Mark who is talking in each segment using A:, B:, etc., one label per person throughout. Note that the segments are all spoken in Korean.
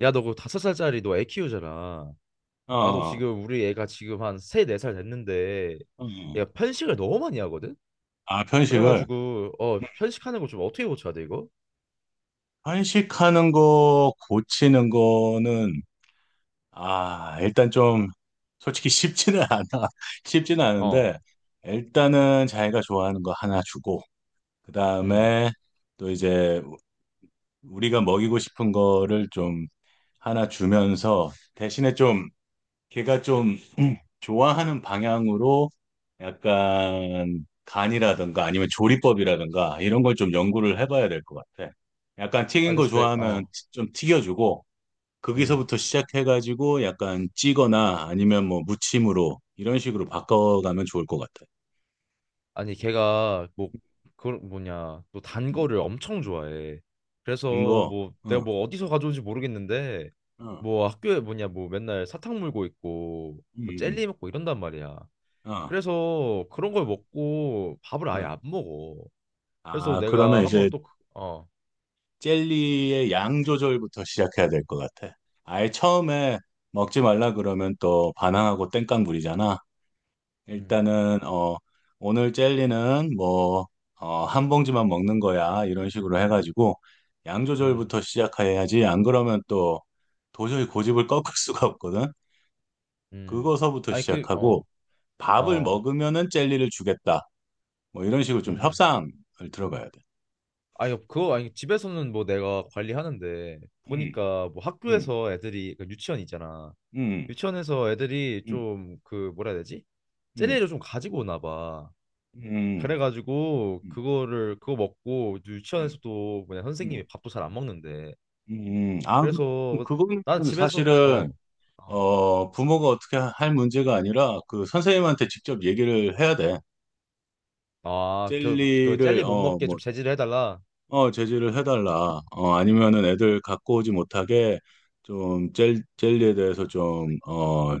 A: 야, 너 그 5살짜리 너 애 키우잖아.
B: 어,
A: 나도
B: 어,
A: 지금 우리 애가 지금 한 3~4살 됐는데
B: 어.
A: 얘가 편식을 너무 많이 하거든?
B: 아, 편식을.
A: 그래가지고 편식하는 거 좀 어떻게 고쳐야 돼 이거?
B: 편식하는 거 고치는 거는, 아, 일단 좀, 솔직히 쉽지는 않아. 쉽지는
A: 어.
B: 않은데, 일단은 자기가 좋아하는 거 하나 주고, 그
A: 음.
B: 다음에 또 이제 우리가 먹이고 싶은 거를 좀 하나 주면서, 대신에 좀, 걔가 좀 좋아하는 방향으로 약간 간이라든가 아니면 조리법이라든가 이런 걸 좀 연구를 해봐야 될 것 같아. 약간 튀긴 거
A: 알겠을 때.
B: 좋아하면
A: 어.
B: 좀 튀겨주고
A: 음.
B: 거기서부터 시작해가지고 약간 찌거나 아니면 뭐 무침으로 이런 식으로 바꿔가면 좋을 것 같아.
A: 아니, 걔가 뭐 그 뭐냐 또 단
B: 음,
A: 거를 엄청 좋아해.
B: 단
A: 그래서
B: 거,
A: 뭐 내가
B: 어,
A: 뭐 어디서 가져온지 모르겠는데
B: 어,
A: 뭐 학교에 뭐냐 뭐 맨날 사탕 물고 있고 뭐
B: 음,
A: 젤리 먹고 이런단 말이야.
B: 어,
A: 그래서 그런 걸
B: 어.
A: 먹고 밥을 아예
B: 어.
A: 안 먹어. 그래서
B: 아, 그러면
A: 내가 한번
B: 이제
A: 또,
B: 젤리의 양 조절부터 시작해야 될 것 같아. 아예 처음에 먹지 말라 그러면 또 반항하고 땡깡 부리잖아.
A: 음.
B: 일단은 오늘 젤리는 뭐어한 봉지만 먹는 거야 이런 식으로 해가지고 양
A: 음.
B: 조절부터 시작해야지. 안 그러면 또 도저히 고집을 꺾을 수가 없거든.
A: 음.
B: 그거서부터
A: 아니, 그,
B: 시작하고 밥을
A: 어,
B: 먹으면은 젤리를 주겠다. 뭐 이런 식으로 좀
A: 음.
B: 협상을 들어가야 돼.
A: 아니, 그, 그거, 아니, 집에서는 뭐 내가 관리하는데,
B: 음,
A: 보니까 뭐
B: 음,
A: 학교에서 애들이, 그 유치원 있잖아.
B: 음,
A: 유치원에서 애들이
B: 음,
A: 좀, 그, 뭐라 해야 되지?
B: 음,
A: 젤리를 좀 가지고 오나 봐.
B: 음.
A: 그래가지고,
B: 음.
A: 그거를, 그거 먹고,
B: 음,
A: 유치원에서도 뭐냐, 선생님이
B: 음,
A: 밥도 잘 안 먹는데.
B: 음. 아, 그-
A: 그래서,
B: 그거는
A: 나는 집에서,
B: 사실은,
A: 어.
B: 부모가 어떻게 할 문제가 아니라 그 선생님한테 직접 얘기를 해야 돼.
A: 아, 그
B: 젤리를,
A: 젤리 못 먹게
B: 뭐,
A: 좀 제지를 해달라.
B: 제지를 해달라. 아니면은 애들 갖고 오지 못하게 좀 젤리에 대해서 좀,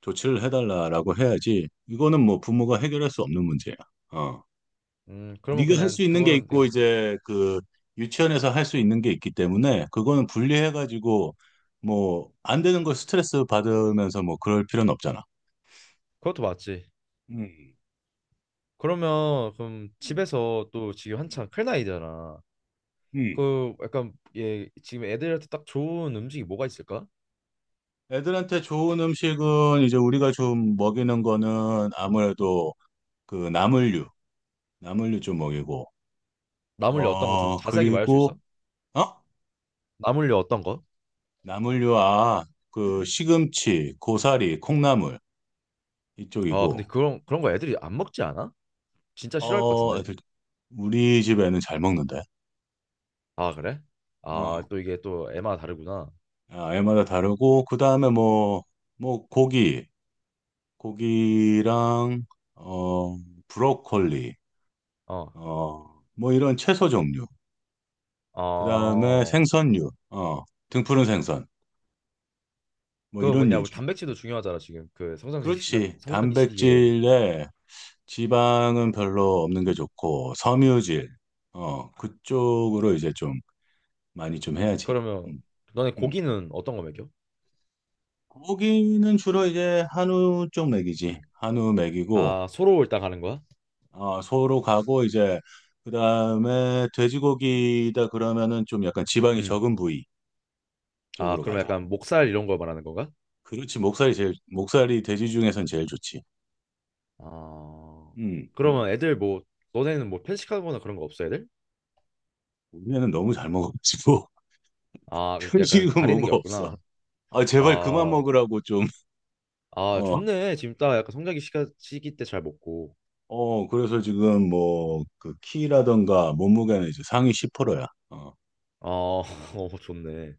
B: 조치를 해달라라고 해야지. 이거는 뭐 부모가 해결할 수 없는 문제야. 어.
A: 그러면
B: 네가 할
A: 그냥
B: 수 있는 게
A: 그거는 네,
B: 있고 이제 그 유치원에서 할 수 있는 게 있기 때문에 그거는 분리해가지고 뭐 안 되는 걸 스트레스 받으면서 뭐 그럴 필요는 없잖아.
A: 그것도 맞지.
B: 음.
A: 그러면 그럼
B: 음.
A: 집에서 또 지금 한창 큰 나이잖아.
B: 음.
A: 그 약간 얘 지금 애들한테 딱 좋은 음식이 뭐가 있을까?
B: 애들한테 좋은 음식은 이제 우리가 좀 먹이는 거는 아무래도 그 나물류, 나물류 좀 먹이고,
A: 나물류 어떤 거 좀
B: 어,
A: 자세하게 말할 수
B: 그리고,
A: 있어?
B: 어?
A: 나물류 어떤 거?
B: 나물류, 아, 그 시금치, 고사리, 콩나물
A: 아, 근데
B: 이쪽이고,
A: 그런 거 애들이 안 먹지 않아? 진짜 싫어할 것
B: 어,
A: 같은데.
B: 애들, 우리 집에는 잘 먹는데.
A: 아, 그래? 아,
B: 어.
A: 또 이게 또 애마다 다르구나.
B: 아, 애마다 다르고 그 다음에 뭐 고기랑 어 브로콜리
A: 어.
B: 뭐 이런 채소 종류 그 다음에
A: 어.
B: 생선류 등푸른 생선 뭐
A: 그거
B: 이런
A: 뭐냐? 우리
B: 유지
A: 단백질도 중요하잖아, 지금. 그
B: 그렇지
A: 성장기 시기에.
B: 단백질에 지방은 별로 없는 게 좋고 섬유질 그쪽으로 이제 좀 많이 좀 해야지
A: 그러면
B: 음,
A: 너네
B: 음.
A: 고기는 어떤 거 먹여?
B: 고기는 주로 이제 한우 쪽 먹이지
A: 음.
B: 한우 먹이고
A: 아, 소로 일단 가는 거야?
B: 아, 소로 가고 이제 그다음에 돼지고기다 그러면은 좀 약간 지방이
A: 음.
B: 적은 부위
A: 아,
B: 쪽으로
A: 그러면
B: 가지.
A: 약간 목살 이런 걸 말하는 건가?
B: 그렇지 목살이 제일 목살이 돼지 중에선 제일 좋지.
A: 아,
B: 음, 음.
A: 그러면 애들 뭐, 너네는 뭐 편식하거나 그런 거 없어, 애들?
B: 우리는 너무 잘 먹어가지고
A: 아, 약간
B: 편식은
A: 가리는 게
B: 뭐가 없어.
A: 없구나.
B: 아, 제발 그만
A: 아,
B: 먹으라고 좀.
A: 아,
B: 어,
A: 좋네. 지금 딱 약간 시기 때 잘 먹고.
B: 어. 그래서 지금 뭐 그 키라던가 몸무게는 이제 상위 10%야. 어,
A: 어, 어, 좋네.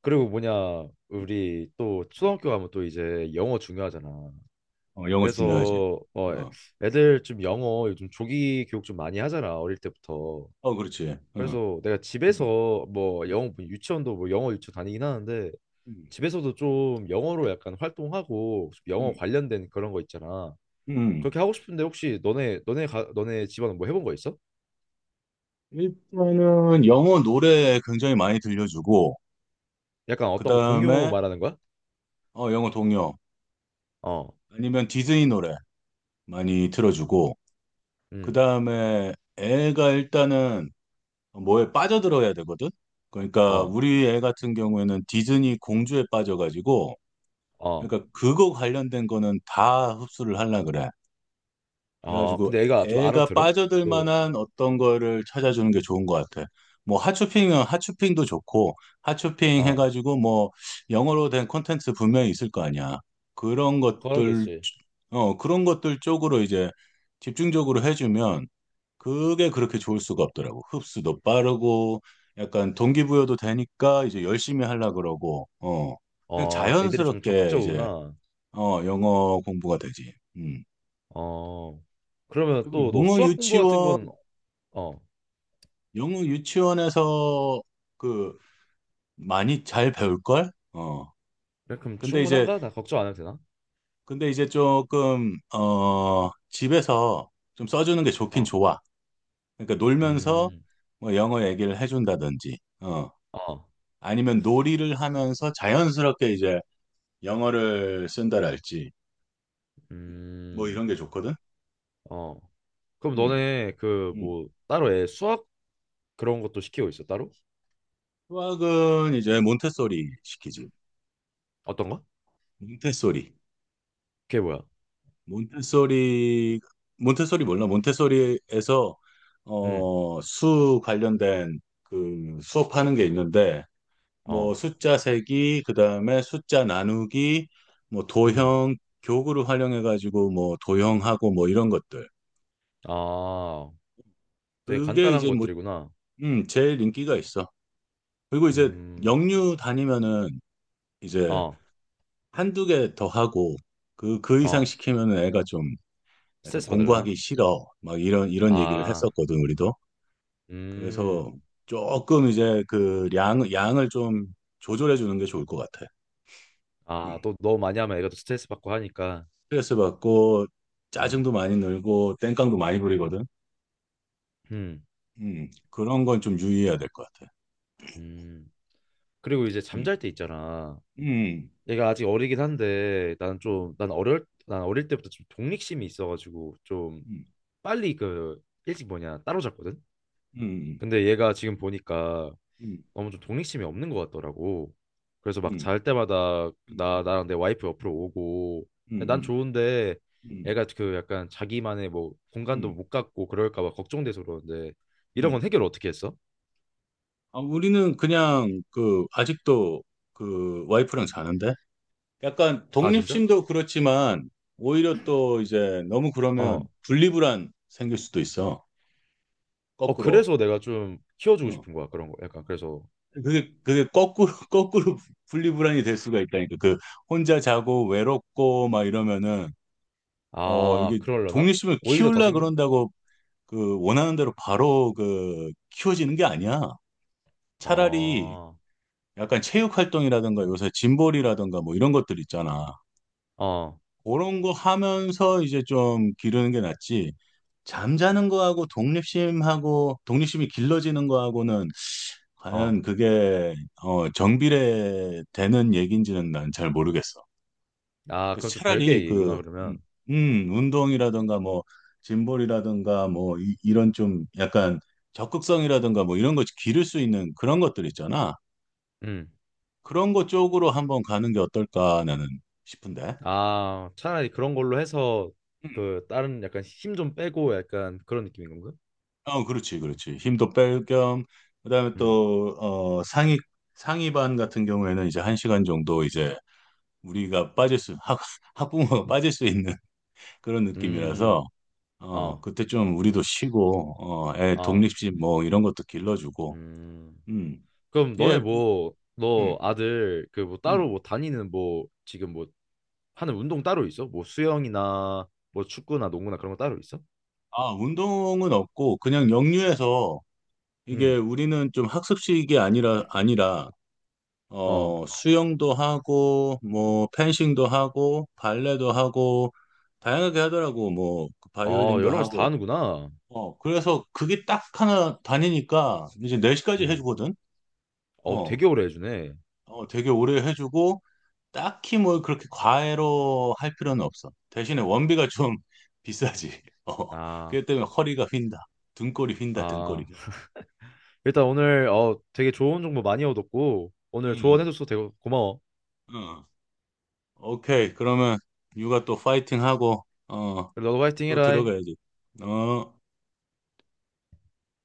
A: 그리고 뭐냐, 우리 또 초등학교 가면 또 이제 영어 중요하잖아.
B: 어, 영어 중요하지.
A: 그래서 어,
B: 어,
A: 애들 좀 영어 요즘 조기 교육 좀 많이 하잖아, 어릴 때부터.
B: 어, 그렇지. 어. 음,
A: 그래서 내가
B: 음,
A: 집에서 뭐 영어 뭐 유치원도 뭐 영어 유치원 다니긴 하는데
B: 음,
A: 집에서도 좀 영어로 약간 활동하고 좀 영어
B: 음.
A: 관련된 그런 거 있잖아.
B: 음.
A: 그렇게 하고 싶은데 혹시 너네 집안은 뭐 해본 거 있어?
B: 일단은 영어 노래 굉장히 많이 들려주고,
A: 약간
B: 그
A: 어떤 거 동요
B: 다음에
A: 말하는 거야?
B: 영어 동요
A: 어.
B: 아니면 디즈니 노래 많이 틀어주고, 그
A: 음.
B: 다음에 애가 일단은 뭐에 빠져들어야 되거든? 그러니까
A: 어.
B: 우리 애 같은 경우에는 디즈니 공주에 빠져가지고,
A: 어.
B: 그러니까 그거 관련된 거는 다 흡수를 하려 그래.
A: 아,
B: 그래가지고
A: 근데 애가 좀
B: 애가
A: 알아들어?
B: 빠져들
A: 그,
B: 만한 어떤 거를 찾아주는 게 좋은 것 같아. 뭐 핫쇼핑은 핫쇼핑도 좋고 핫쇼핑
A: 어,
B: 해가지고 뭐 영어로 된 콘텐츠 분명히 있을 거 아니야. 그런 것들
A: 그러겠지.
B: 그런 것들 쪽으로 이제 집중적으로 해주면 그게 그렇게 좋을 수가 없더라고. 흡수도 빠르고 약간 동기부여도 되니까 이제 열심히 하려 그러고 그냥
A: 어, 애들이 좀
B: 자연스럽게 이제
A: 적극적이구나.
B: 영어 공부가 되지. 음.
A: 어, 그러면
B: 그리고
A: 또 너
B: 영어
A: 수학 공부 같은
B: 유치원
A: 건. 어,
B: 영어 유치원에서 그 많이 잘 배울걸? 어.
A: 그래? 그럼
B: 근데 이제
A: 충분한가? 나 걱정 안 해도 되나?
B: 근데 이제 조금 집에서 좀 써주는 게 좋긴
A: 어.
B: 좋아. 그러니까 놀면서
A: 음.
B: 뭐 영어 얘기를 해준다든지,
A: 어.
B: 아니면 놀이를 하면서 자연스럽게 이제 영어를 쓴다랄지 뭐
A: 음.
B: 이런 게 좋거든.
A: 어. 그럼
B: 음,
A: 너네 그
B: 음.
A: 뭐 따로 애 수학 그런 것도 시키고 있어 따로?
B: 수학은 이제 몬테소리 시키지.
A: 어떤 거?
B: 몬테소리.
A: 그게 뭐야?
B: 몬테소리 몬테소리 몰라? 몬테소리에서
A: 음.
B: 수 관련된 그 수업하는 게 있는데 뭐
A: 어.
B: 숫자 세기 그다음에 숫자 나누기 뭐
A: 음.
B: 도형 교구를 활용해 가지고 뭐 도형하고 뭐 이런 것들.
A: 아, 되게
B: 그게
A: 간단한
B: 이제 뭐
A: 것들이구나.
B: 제일 인기가 있어. 그리고 이제
A: 음.
B: 영유 다니면은 이제
A: 어.
B: 한두 개 더 하고 그 이상
A: 어.
B: 시키면은 애가 좀 약간
A: 스트레스 받으려나?
B: 공부하기 싫어. 막 이런 얘기를
A: 아.
B: 했었거든, 우리도. 그래서
A: 음.
B: 조금 이제 그 양을 좀 조절해 주는 게 좋을 것 같아. 음.
A: 아, 또 너무 많이 하면 애가 또 스트레스 받고 하니까.
B: 스트레스 받고
A: 음.
B: 짜증도 많이 늘고 땡깡도 많이 부리거든.
A: 음.
B: 그런 건 좀 유의해야 될 것 같아.
A: 음. 그리고 이제
B: 음,
A: 잠잘 때 있잖아.
B: 음,
A: 얘가 아직 어리긴 한데 나는
B: 음,
A: 좀 난 어릴 난 어릴 때부터 좀 독립심이 있어가지고 좀 빨리 그 일찍 뭐냐 따로잤거든.
B: 음,
A: 근데 얘가 지금 보니까
B: 음,
A: 너무 좀 독립심이 없는 것 같더라고. 그래서 막
B: 음,
A: 잘 때마다
B: 음,
A: 나
B: 음,
A: 나랑 내 와이프 옆으로 오고 난
B: 음,
A: 좋은데
B: 음,
A: 애가 그 약간 자기만의 뭐 공간도
B: 음,
A: 못 갖고 그럴까 봐 걱정돼서 그러는데 이런 건
B: 음.
A: 해결 어떻게 했어?
B: 아, 우리는 그냥 그 아직도 그 와이프랑 자는데? 약간
A: 아, 진짜?
B: 독립심도 그렇지만 오히려 또 이제 너무 그러면
A: 어.
B: 분리불안 생길 수도 있어.
A: 어,
B: 거꾸로.
A: 그래서 내가 좀 키워주고
B: 어.
A: 싶은 거야 그런 거. 약간 그래서.
B: 그게 거꾸로 거꾸로 분리불안이 될 수가 있다니까. 그 혼자 자고 외롭고 막 이러면은
A: 아,
B: 이게
A: 그럴려나?
B: 독립심을
A: 오히려 더
B: 키우려
A: 생겨?
B: 그런다고 그 원하는 대로 바로 그 키워지는 게 아니야. 차라리
A: 어.
B: 약간 체육 활동이라든가 요새 짐볼이라든가 뭐 이런 것들 있잖아.
A: 어.
B: 그런 거 하면서 이제 좀 기르는 게 낫지. 잠자는 거하고 독립심하고 독립심이 길러지는 거하고는 과연
A: 어.
B: 그게 정비례되는 얘기인지는 난 잘 모르겠어.
A: 아,
B: 그래서
A: 그럼 좀
B: 차라리
A: 별개의 얘기구나
B: 그 음,
A: 그러면.
B: 운동이라든가 뭐 짐볼이라든가 뭐 이런 좀 약간 적극성이라든가 뭐 이런 거 기를 수 있는 그런 것들 있잖아.
A: 음.
B: 그런 것 쪽으로 한번 가는 게 어떨까 나는 싶은데.
A: 아, 차라리 그런 걸로 해서 그 다른 약간 힘 좀 빼고 약간 그런 느낌인 건가?
B: 어, 그렇지, 그렇지. 힘도 뺄 겸, 그다음에
A: 음.
B: 또, 상위반 같은 경우에는 이제 한 시간 정도 이제 우리가 빠질 수, 학부모가 빠질 수 있는 그런
A: 음. 음.
B: 느낌이라서, 어,
A: 어.
B: 그때 좀 우리도 쉬고, 어, 애
A: 어.
B: 독립심 뭐 이런 것도 길러주고,
A: 음.
B: 음,
A: 그럼
B: 예,
A: 너네 뭐, 너
B: 음,
A: 아들 그 뭐 따로
B: 음.
A: 뭐 다니는 뭐 지금 뭐 하는 운동 따로 있어? 뭐 수영이나 뭐 축구나 농구나 그런 거 따로 있어?
B: 아, 운동은 없고, 그냥 역류해서 이게
A: 음.
B: 우리는 좀 학습식이 아니라, 아니라
A: 어.
B: 어, 수영도 하고, 뭐, 펜싱도 하고, 발레도 하고, 다양하게 하더라고, 뭐, 그
A: 어,
B: 바이올린도
A: 여러 가지 다
B: 하고.
A: 하는구나.
B: 어, 그래서 그게 딱 하나 다니니까 이제 4시까지
A: 음.
B: 해주거든?
A: 어,
B: 어,
A: 되게 오래 해주네.
B: 어, 되게 오래 해주고, 딱히 뭐 그렇게 과외로 할 필요는 없어. 대신에 원비가 좀 비싸지. 어,
A: 아,
B: 그렇기 때문에 허리가 휜다. 등골이 휜다,
A: 아,
B: 등골이가.
A: 일단 오늘 되게 좋은 정보 많이 얻었고 오늘
B: 응,
A: 조언해줘서 되게 고마워.
B: 응. 오케이. 그러면 육아 또 파이팅 하고, 어,
A: 그래, 너도 화이팅
B: 또
A: 해라.
B: 들어가야지. 어.